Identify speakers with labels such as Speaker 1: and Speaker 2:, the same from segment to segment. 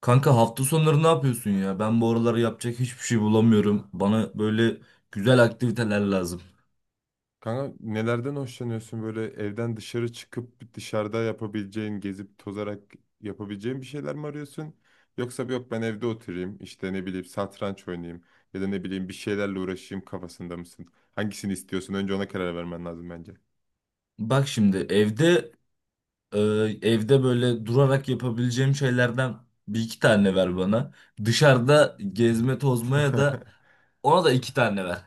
Speaker 1: Kanka hafta sonları ne yapıyorsun ya? Ben bu aralar yapacak hiçbir şey bulamıyorum. Bana böyle güzel aktiviteler lazım.
Speaker 2: Kanka nelerden hoşlanıyorsun, böyle evden dışarı çıkıp dışarıda yapabileceğin, gezip tozarak yapabileceğin bir şeyler mi arıyorsun? Yoksa yok ben evde oturayım işte ne bileyim satranç oynayayım ya da ne bileyim bir şeylerle uğraşayım kafasında mısın? Hangisini istiyorsun? Önce ona karar vermen lazım bence.
Speaker 1: Bak şimdi e, evde böyle durarak yapabileceğim şeylerden bir iki tane ver bana. Dışarıda gezme tozmaya da ona da iki tane ver.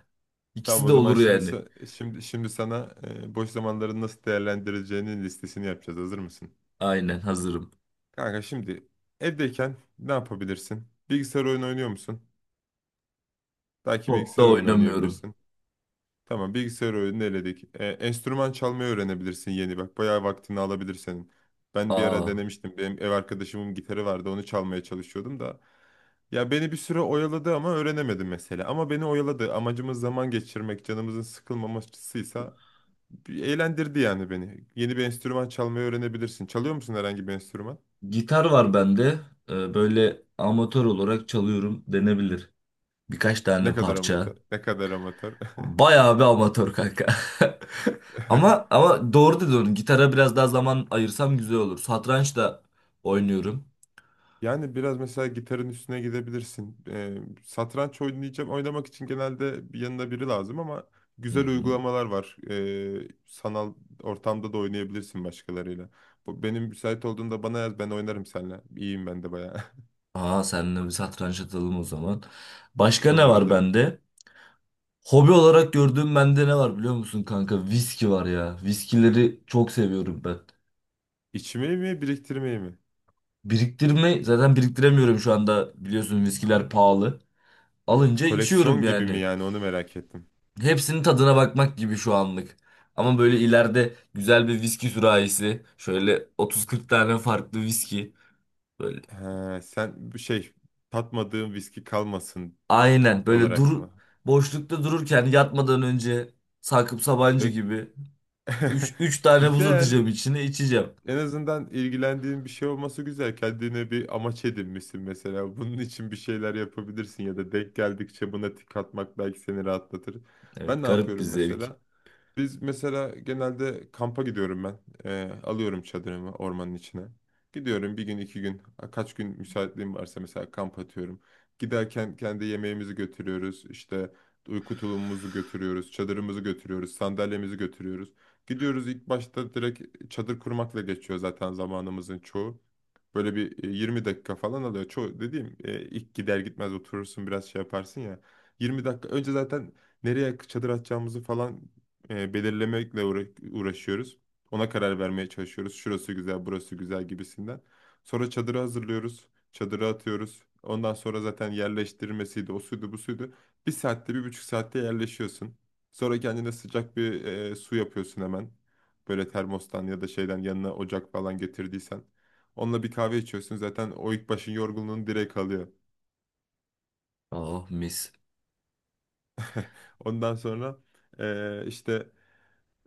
Speaker 2: Tamam,
Speaker 1: İkisi
Speaker 2: o
Speaker 1: de
Speaker 2: zaman
Speaker 1: olur
Speaker 2: şimdi
Speaker 1: yani.
Speaker 2: şimdi sana boş zamanlarını nasıl değerlendireceğinin listesini yapacağız. Hazır mısın?
Speaker 1: Aynen hazırım.
Speaker 2: Kanka, şimdi evdeyken ne yapabilirsin? Bilgisayar oyunu oynuyor musun? Belki
Speaker 1: Çok da
Speaker 2: bilgisayar oyunu
Speaker 1: oynamıyorum.
Speaker 2: oynayabilirsin. Tamam, bilgisayar oyunu eledik. Enstrüman çalmayı öğrenebilirsin yeni, bak. Bayağı vaktini alabilir senin. Ben bir ara
Speaker 1: Aa,
Speaker 2: denemiştim. Benim ev arkadaşımın gitarı vardı. Onu çalmaya çalışıyordum da. Ya beni bir süre oyaladı ama öğrenemedim mesela. Ama beni oyaladı. Amacımız zaman geçirmek, canımızın sıkılmamasıysa bir eğlendirdi yani beni. Yeni bir enstrüman çalmayı öğrenebilirsin. Çalıyor musun herhangi bir enstrüman?
Speaker 1: gitar var bende. E, böyle amatör olarak çalıyorum denebilir. Birkaç
Speaker 2: Ne
Speaker 1: tane
Speaker 2: kadar
Speaker 1: parça.
Speaker 2: amatör, ne kadar amatör.
Speaker 1: Bayağı bir amatör kanka. Ama ama doğru dedin. Gitara biraz daha zaman ayırsam güzel olur. Satranç da oynuyorum.
Speaker 2: Yani biraz mesela gitarın üstüne gidebilirsin. Satranç oynayacağım, oynamak için genelde bir yanında biri lazım ama
Speaker 1: Hı
Speaker 2: güzel
Speaker 1: hı.
Speaker 2: uygulamalar var. Sanal ortamda da oynayabilirsin başkalarıyla. Bu, benim müsait olduğunda bana yaz, ben oynarım seninle. İyiyim ben de bayağı.
Speaker 1: Aa, seninle bir satranç atalım o zaman. Başka ne
Speaker 2: Olur,
Speaker 1: var
Speaker 2: olur.
Speaker 1: bende? Hobi olarak gördüğüm bende ne var biliyor musun kanka? Viski var ya. Viskileri çok seviyorum ben.
Speaker 2: İçmeyi mi, biriktirmeyi mi?
Speaker 1: Biriktirme, zaten biriktiremiyorum şu anda. Biliyorsun viskiler pahalı.
Speaker 2: Yani bir
Speaker 1: Alınca içiyorum
Speaker 2: koleksiyon gibi mi
Speaker 1: yani.
Speaker 2: yani, onu merak ettim.
Speaker 1: Hepsinin tadına bakmak gibi şu anlık. Ama böyle ileride güzel bir viski sürahisi. Şöyle 30-40 tane farklı viski. Böyle,
Speaker 2: He, sen bir şey tatmadığın viski kalmasın
Speaker 1: aynen böyle
Speaker 2: olarak
Speaker 1: dur,
Speaker 2: mı?
Speaker 1: boşlukta dururken yatmadan önce Sakıp Sabancı
Speaker 2: Ö-
Speaker 1: gibi 3 tane buz
Speaker 2: Güzel.
Speaker 1: atacağım içine, içeceğim.
Speaker 2: En azından ilgilendiğin bir şey olması güzel. Kendine bir amaç edinmişsin mesela. Bunun için bir şeyler yapabilirsin ya da denk geldikçe buna tik atmak belki seni rahatlatır.
Speaker 1: Evet,
Speaker 2: Ben ne
Speaker 1: garip bir
Speaker 2: yapıyorum
Speaker 1: zevk.
Speaker 2: mesela? Biz mesela, genelde kampa gidiyorum ben. Alıyorum çadırımı ormanın içine. Gidiyorum bir gün, iki gün, kaç gün müsaitliğim varsa mesela kamp atıyorum. Giderken kendi yemeğimizi götürüyoruz, işte uyku tulumumuzu götürüyoruz. Çadırımızı götürüyoruz. Sandalyemizi götürüyoruz. Gidiyoruz, ilk başta direkt çadır kurmakla geçiyor zaten zamanımızın çoğu. Böyle bir 20 dakika falan alıyor. Çoğu dediğim, ilk gider gitmez oturursun biraz şey yaparsın ya. 20 dakika önce zaten nereye çadır atacağımızı falan e, belirlemekle uğra- uğraşıyoruz. Ona karar vermeye çalışıyoruz. Şurası güzel, burası güzel gibisinden. Sonra çadırı hazırlıyoruz. Çadırı atıyoruz. Ondan sonra zaten yerleştirmesiydi. O suydu, bu suydu. Bir saatte, bir buçuk saatte yerleşiyorsun. Sonra kendine sıcak bir su yapıyorsun hemen. Böyle termostan ya da şeyden, yanına ocak falan getirdiysen. Onunla bir kahve içiyorsun. Zaten o ilk başın yorgunluğunu direkt alıyor.
Speaker 1: Ah, mis.
Speaker 2: Ondan sonra işte,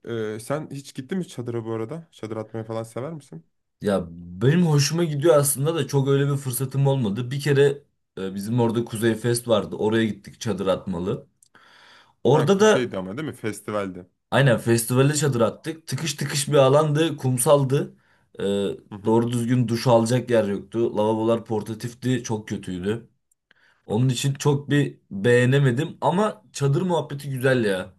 Speaker 2: sen hiç gittin mi çadıra bu arada? Çadır atmayı falan sever misin?
Speaker 1: Ya benim hoşuma gidiyor aslında da çok öyle bir fırsatım olmadı. Bir kere bizim orada Kuzey Fest vardı. Oraya gittik, çadır atmalı.
Speaker 2: Ha,
Speaker 1: Orada da
Speaker 2: şeydi ama değil mi? Festivaldi.
Speaker 1: aynen festivale çadır attık. Tıkış tıkış bir alandı, kumsaldı. Ee,
Speaker 2: Hı hı.
Speaker 1: doğru düzgün duş alacak yer yoktu. Lavabolar portatifti, çok kötüydü. Onun için çok bir beğenemedim ama çadır muhabbeti güzel ya.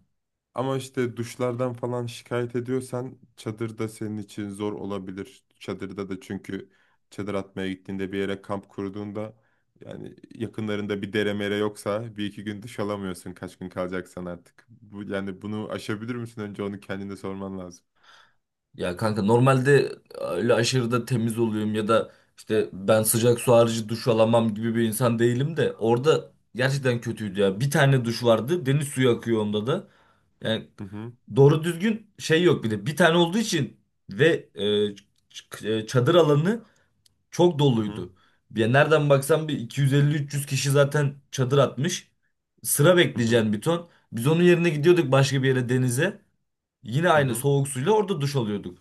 Speaker 2: Ama işte duşlardan falan şikayet ediyorsan çadır da senin için zor olabilir. Çadırda da çünkü çadır atmaya gittiğinde, bir yere kamp kurduğunda yani yakınlarında bir dere mere yoksa bir iki gün duş alamıyorsun, kaç gün kalacaksan artık. Bu, yani bunu aşabilir misin? Önce onu kendine sorman lazım.
Speaker 1: Ya kanka, normalde öyle aşırı da temiz oluyorum ya da işte ben sıcak su harici duş alamam gibi bir insan değilim de orada gerçekten kötüydü ya. Bir tane duş vardı, deniz suyu akıyor onda da. Yani
Speaker 2: Hı hı.
Speaker 1: doğru düzgün şey yok bir de. Bir tane olduğu için ve e, çadır alanı çok
Speaker 2: Hı hı.
Speaker 1: doluydu. Ya nereden baksan bir 250-300 kişi zaten çadır atmış. Sıra
Speaker 2: Hı hı.
Speaker 1: bekleyeceğin bir ton. Biz onun yerine gidiyorduk başka bir yere, denize. Yine
Speaker 2: Hı
Speaker 1: aynı
Speaker 2: hı.
Speaker 1: soğuk suyla orada duş alıyorduk.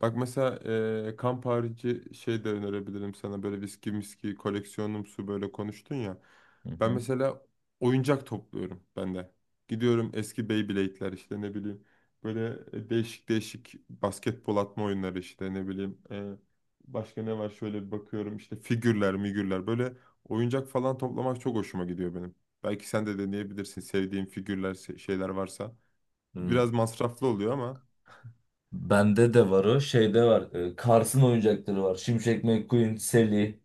Speaker 2: Bak mesela, kamp harici şey de önerebilirim sana, böyle viski miski koleksiyonumsu böyle konuştun ya.
Speaker 1: Hı
Speaker 2: Ben
Speaker 1: hı.
Speaker 2: mesela oyuncak topluyorum ben de. Gidiyorum eski Beyblade'ler işte, ne bileyim. Böyle değişik değişik basketbol atma oyunları işte, ne bileyim. Başka ne var şöyle bir bakıyorum, işte figürler migürler, böyle oyuncak falan toplamak çok hoşuma gidiyor benim. Belki sen de deneyebilirsin, sevdiğin figürler şeyler varsa.
Speaker 1: Hmm,
Speaker 2: Biraz masraflı oluyor ama.
Speaker 1: Bende de var o. Şeyde var. Kars'ın oyuncakları var. Şimşek McQueen, Sally,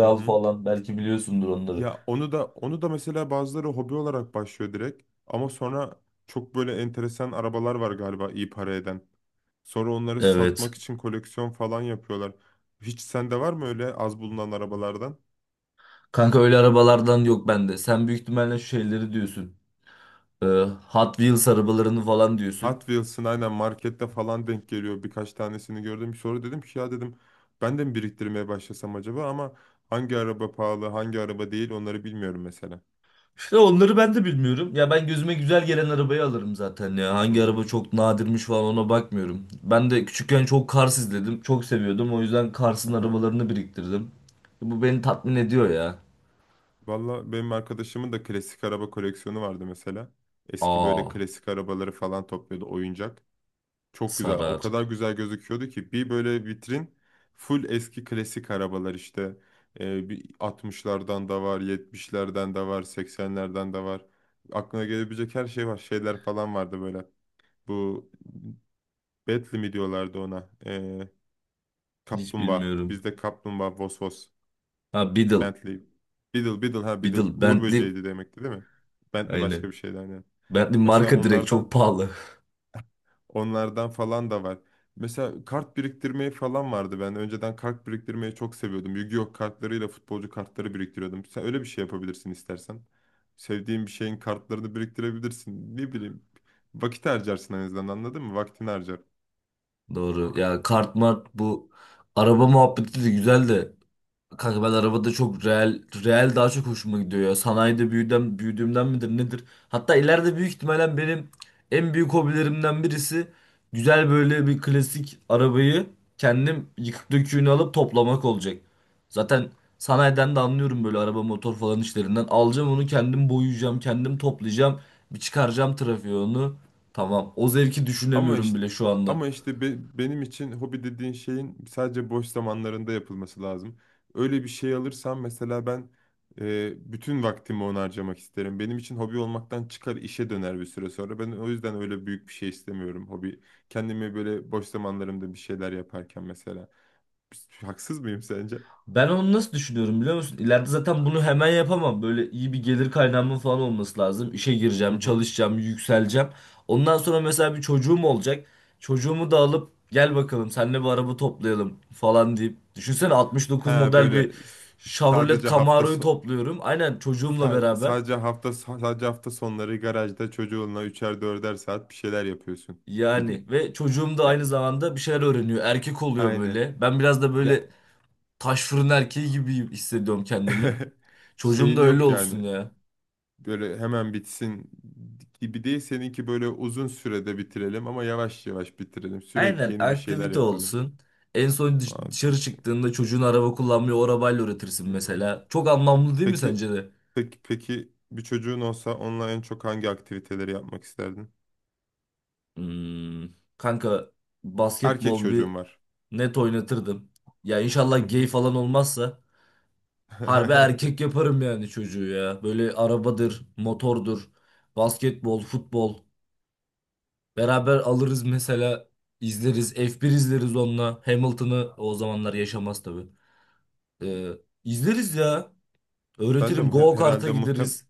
Speaker 2: Hı hı.
Speaker 1: falan. Belki biliyorsundur onları.
Speaker 2: Ya onu da, onu da mesela, bazıları hobi olarak başlıyor direkt ama sonra çok böyle enteresan arabalar var galiba, iyi para eden. Sonra onları
Speaker 1: Evet.
Speaker 2: satmak için koleksiyon falan yapıyorlar. Hiç sende var mı öyle az bulunan arabalardan?
Speaker 1: Kanka, öyle arabalardan yok bende. Sen büyük ihtimalle şu şeyleri diyorsun. Ee, Hot Wheels arabalarını falan diyorsun.
Speaker 2: Hot Wheels'ın aynen markette falan denk geliyor. Birkaç tanesini gördüm. Sonra dedim ki ya, dedim ben de mi biriktirmeye başlasam acaba ama hangi araba pahalı, hangi araba değil, onları bilmiyorum mesela.
Speaker 1: İşte onları ben de bilmiyorum. Ya ben gözüme güzel gelen arabayı alırım zaten ya.
Speaker 2: Hı
Speaker 1: Hangi araba
Speaker 2: hı.
Speaker 1: çok nadirmiş falan ona bakmıyorum. Ben de küçükken çok Cars izledim. Çok seviyordum. O yüzden Cars'ın
Speaker 2: Aha.
Speaker 1: arabalarını biriktirdim. Bu beni tatmin ediyor ya.
Speaker 2: Valla benim arkadaşımın da klasik araba koleksiyonu vardı mesela. Eski
Speaker 1: Aa,
Speaker 2: böyle klasik arabaları falan topluyordu oyuncak. Çok güzel. O
Speaker 1: sarar.
Speaker 2: kadar güzel gözüküyordu ki, bir böyle vitrin full eski klasik arabalar işte. Bir 60'lardan da var, 70'lerden de var, 80'lerden de var. Aklına gelebilecek her şey var. Şeyler falan vardı böyle. Bu Bentley mi diyorlardı ona?
Speaker 1: Hiç
Speaker 2: Kaplumbağa.
Speaker 1: bilmiyorum.
Speaker 2: Bizde kaplumbağa, Vosvos.
Speaker 1: Ha, Beetle.
Speaker 2: Bentley. Beetle, Beetle, ha Beetle.
Speaker 1: Beetle.
Speaker 2: Uğur
Speaker 1: Bentley.
Speaker 2: böceğiydi demekti değil mi? Bentley
Speaker 1: Aynen.
Speaker 2: başka bir şeydi aynen.
Speaker 1: Bentley
Speaker 2: Mesela
Speaker 1: marka direkt çok
Speaker 2: onlardan,
Speaker 1: pahalı.
Speaker 2: onlardan falan da var. Mesela kart biriktirmeyi falan vardı ben. Önceden kart biriktirmeyi çok seviyordum. Yu-Gi-Oh kartlarıyla futbolcu kartları biriktiriyordum. Sen öyle bir şey yapabilirsin istersen. Sevdiğin bir şeyin kartlarını biriktirebilirsin. Ne bileyim. Vakit harcarsın en azından, anladın mı? Vaktini harcar.
Speaker 1: Doğru. Ya kart mart, bu araba muhabbeti de güzel de kanka, ben arabada çok real, real daha çok hoşuma gidiyor ya. Sanayide büyüdüm, büyüdüğümden midir nedir? Hatta ileride büyük ihtimalle benim en büyük hobilerimden birisi, güzel böyle bir klasik arabayı kendim, yıkık döküğünü alıp toplamak olacak. Zaten sanayiden de anlıyorum böyle araba, motor falan işlerinden. Alacağım onu, kendim boyayacağım, kendim toplayacağım, bir çıkaracağım trafiğe onu. Tamam. O zevki
Speaker 2: Ama
Speaker 1: düşünemiyorum
Speaker 2: işte
Speaker 1: bile şu anda.
Speaker 2: ama işte, benim için hobi dediğin şeyin sadece boş zamanlarında yapılması lazım. Öyle bir şey alırsam mesela ben, bütün vaktimi ona harcamak isterim. Benim için hobi olmaktan çıkar, işe döner bir süre sonra. Ben o yüzden öyle büyük bir şey istemiyorum hobi. Kendimi böyle boş zamanlarımda bir şeyler yaparken mesela. Haksız mıyım sence?
Speaker 1: Ben onu nasıl düşünüyorum biliyor musun? İleride zaten bunu hemen yapamam. Böyle iyi bir gelir kaynağımın falan olması lazım. İşe
Speaker 2: Hı
Speaker 1: gireceğim,
Speaker 2: hı.
Speaker 1: çalışacağım, yükseleceğim. Ondan sonra mesela bir çocuğum olacak. Çocuğumu da alıp, gel bakalım seninle bir araba toplayalım falan deyip. Düşünsene, 69
Speaker 2: Ha
Speaker 1: model
Speaker 2: böyle
Speaker 1: bir Chevrolet
Speaker 2: sadece hafta
Speaker 1: Camaro'yu
Speaker 2: so-
Speaker 1: topluyorum. Aynen, çocuğumla
Speaker 2: Sa-
Speaker 1: beraber.
Speaker 2: sadece hafta sadece hafta sonları garajda çocuğunla üçer dörder saat bir şeyler yapıyorsun
Speaker 1: Yani
Speaker 2: gibi.
Speaker 1: ve çocuğum da
Speaker 2: Ya
Speaker 1: aynı zamanda bir şeyler öğreniyor. Erkek oluyor
Speaker 2: aynen.
Speaker 1: böyle. Ben biraz da
Speaker 2: Ya
Speaker 1: böyle taş fırın erkeği gibi hissediyorum kendimi. Çocuğum da
Speaker 2: şeyin
Speaker 1: öyle
Speaker 2: yok
Speaker 1: olsun
Speaker 2: yani.
Speaker 1: ya.
Speaker 2: Böyle hemen bitsin gibi değil. Seninki böyle uzun sürede bitirelim ama yavaş yavaş bitirelim. Sürekli
Speaker 1: Aynen,
Speaker 2: yeni bir şeyler
Speaker 1: aktivite
Speaker 2: yapalım.
Speaker 1: olsun. En son
Speaker 2: Aa,
Speaker 1: dışarı
Speaker 2: çok iyi.
Speaker 1: çıktığında çocuğun araba kullanmayı o arabayla öğretirsin
Speaker 2: Hı hı.
Speaker 1: mesela. Çok anlamlı değil mi
Speaker 2: Peki
Speaker 1: sence de?
Speaker 2: peki, bir çocuğun olsa onunla en çok hangi aktiviteleri yapmak isterdin?
Speaker 1: Hmm, Kanka,
Speaker 2: Erkek
Speaker 1: basketbol bir
Speaker 2: çocuğum var.
Speaker 1: net oynatırdım. Ya
Speaker 2: Hı
Speaker 1: inşallah gay
Speaker 2: hı.
Speaker 1: falan olmazsa harbi erkek yaparım yani çocuğu ya. Böyle arabadır, motordur, basketbol, futbol. Beraber alırız mesela, izleriz. F1 izleriz onunla. Hamilton'ı o zamanlar yaşamaz tabii. Ee, izleriz ya.
Speaker 2: Ben de
Speaker 1: Öğretirim.
Speaker 2: mu-
Speaker 1: Go kart'a
Speaker 2: herhalde muhtem
Speaker 1: gideriz.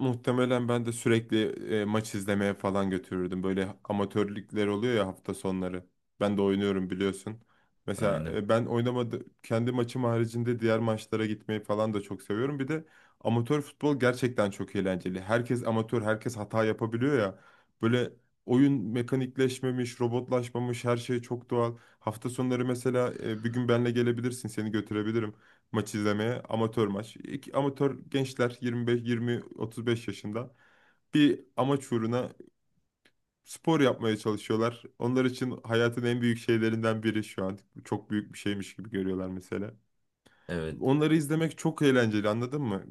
Speaker 2: Muhtemelen ben de sürekli maç izlemeye falan götürürdüm. Böyle amatörlükler oluyor ya hafta sonları. Ben de oynuyorum biliyorsun. Mesela
Speaker 1: Aynen.
Speaker 2: ben oynamadı, kendi maçım haricinde diğer maçlara gitmeyi falan da çok seviyorum. Bir de amatör futbol gerçekten çok eğlenceli. Herkes amatör, herkes hata yapabiliyor ya. Böyle oyun mekanikleşmemiş, robotlaşmamış, her şey çok doğal. Hafta sonları mesela, bir gün benle gelebilirsin, seni götürebilirim maç izlemeye. Amatör maç. İki, amatör gençler 25, 20, 35 yaşında bir amaç uğruna spor yapmaya çalışıyorlar. Onlar için hayatın en büyük şeylerinden biri şu an. Çok büyük bir şeymiş gibi görüyorlar mesela.
Speaker 1: Evet.
Speaker 2: Onları izlemek çok eğlenceli, anladın mı?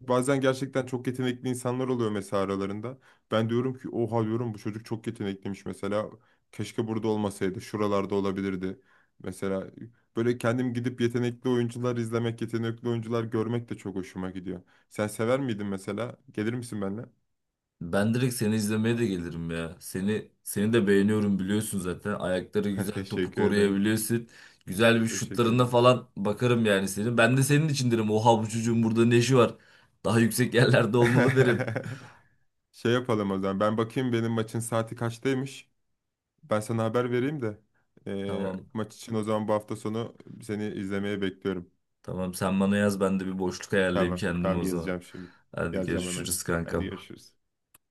Speaker 2: Bazen gerçekten çok yetenekli insanlar oluyor mesela aralarında. Ben diyorum ki oha, diyorum bu çocuk çok yetenekliymiş mesela. Keşke burada olmasaydı, şuralarda olabilirdi. Mesela böyle kendim gidip yetenekli oyuncular izlemek, yetenekli oyuncular görmek de çok hoşuma gidiyor. Sen sever miydin mesela? Gelir misin benimle?
Speaker 1: Ben direkt seni izlemeye de gelirim ya. Seni de beğeniyorum biliyorsun zaten. Ayakları güzel, topu
Speaker 2: Teşekkür ederim.
Speaker 1: koruyabiliyorsun. Güzel, bir
Speaker 2: Teşekkür
Speaker 1: şutlarına
Speaker 2: ederim.
Speaker 1: falan bakarım yani senin. Ben de senin için derim. Oha, bu çocuğun burada ne işi var? Daha yüksek yerlerde olmalı derim.
Speaker 2: Şey yapalım o zaman. Ben bakayım benim maçın saati kaçtaymış. Ben sana haber vereyim de
Speaker 1: Tamam.
Speaker 2: maç için o zaman, bu hafta sonu seni izlemeye bekliyorum.
Speaker 1: Tamam, sen bana yaz, ben de bir boşluk ayarlayayım
Speaker 2: Tamam,
Speaker 1: kendime
Speaker 2: tamam,
Speaker 1: o zaman.
Speaker 2: yazacağım şimdi.
Speaker 1: Hadi,
Speaker 2: Yazacağım hemen.
Speaker 1: görüşürüz
Speaker 2: Hadi
Speaker 1: kankam.
Speaker 2: görüşürüz.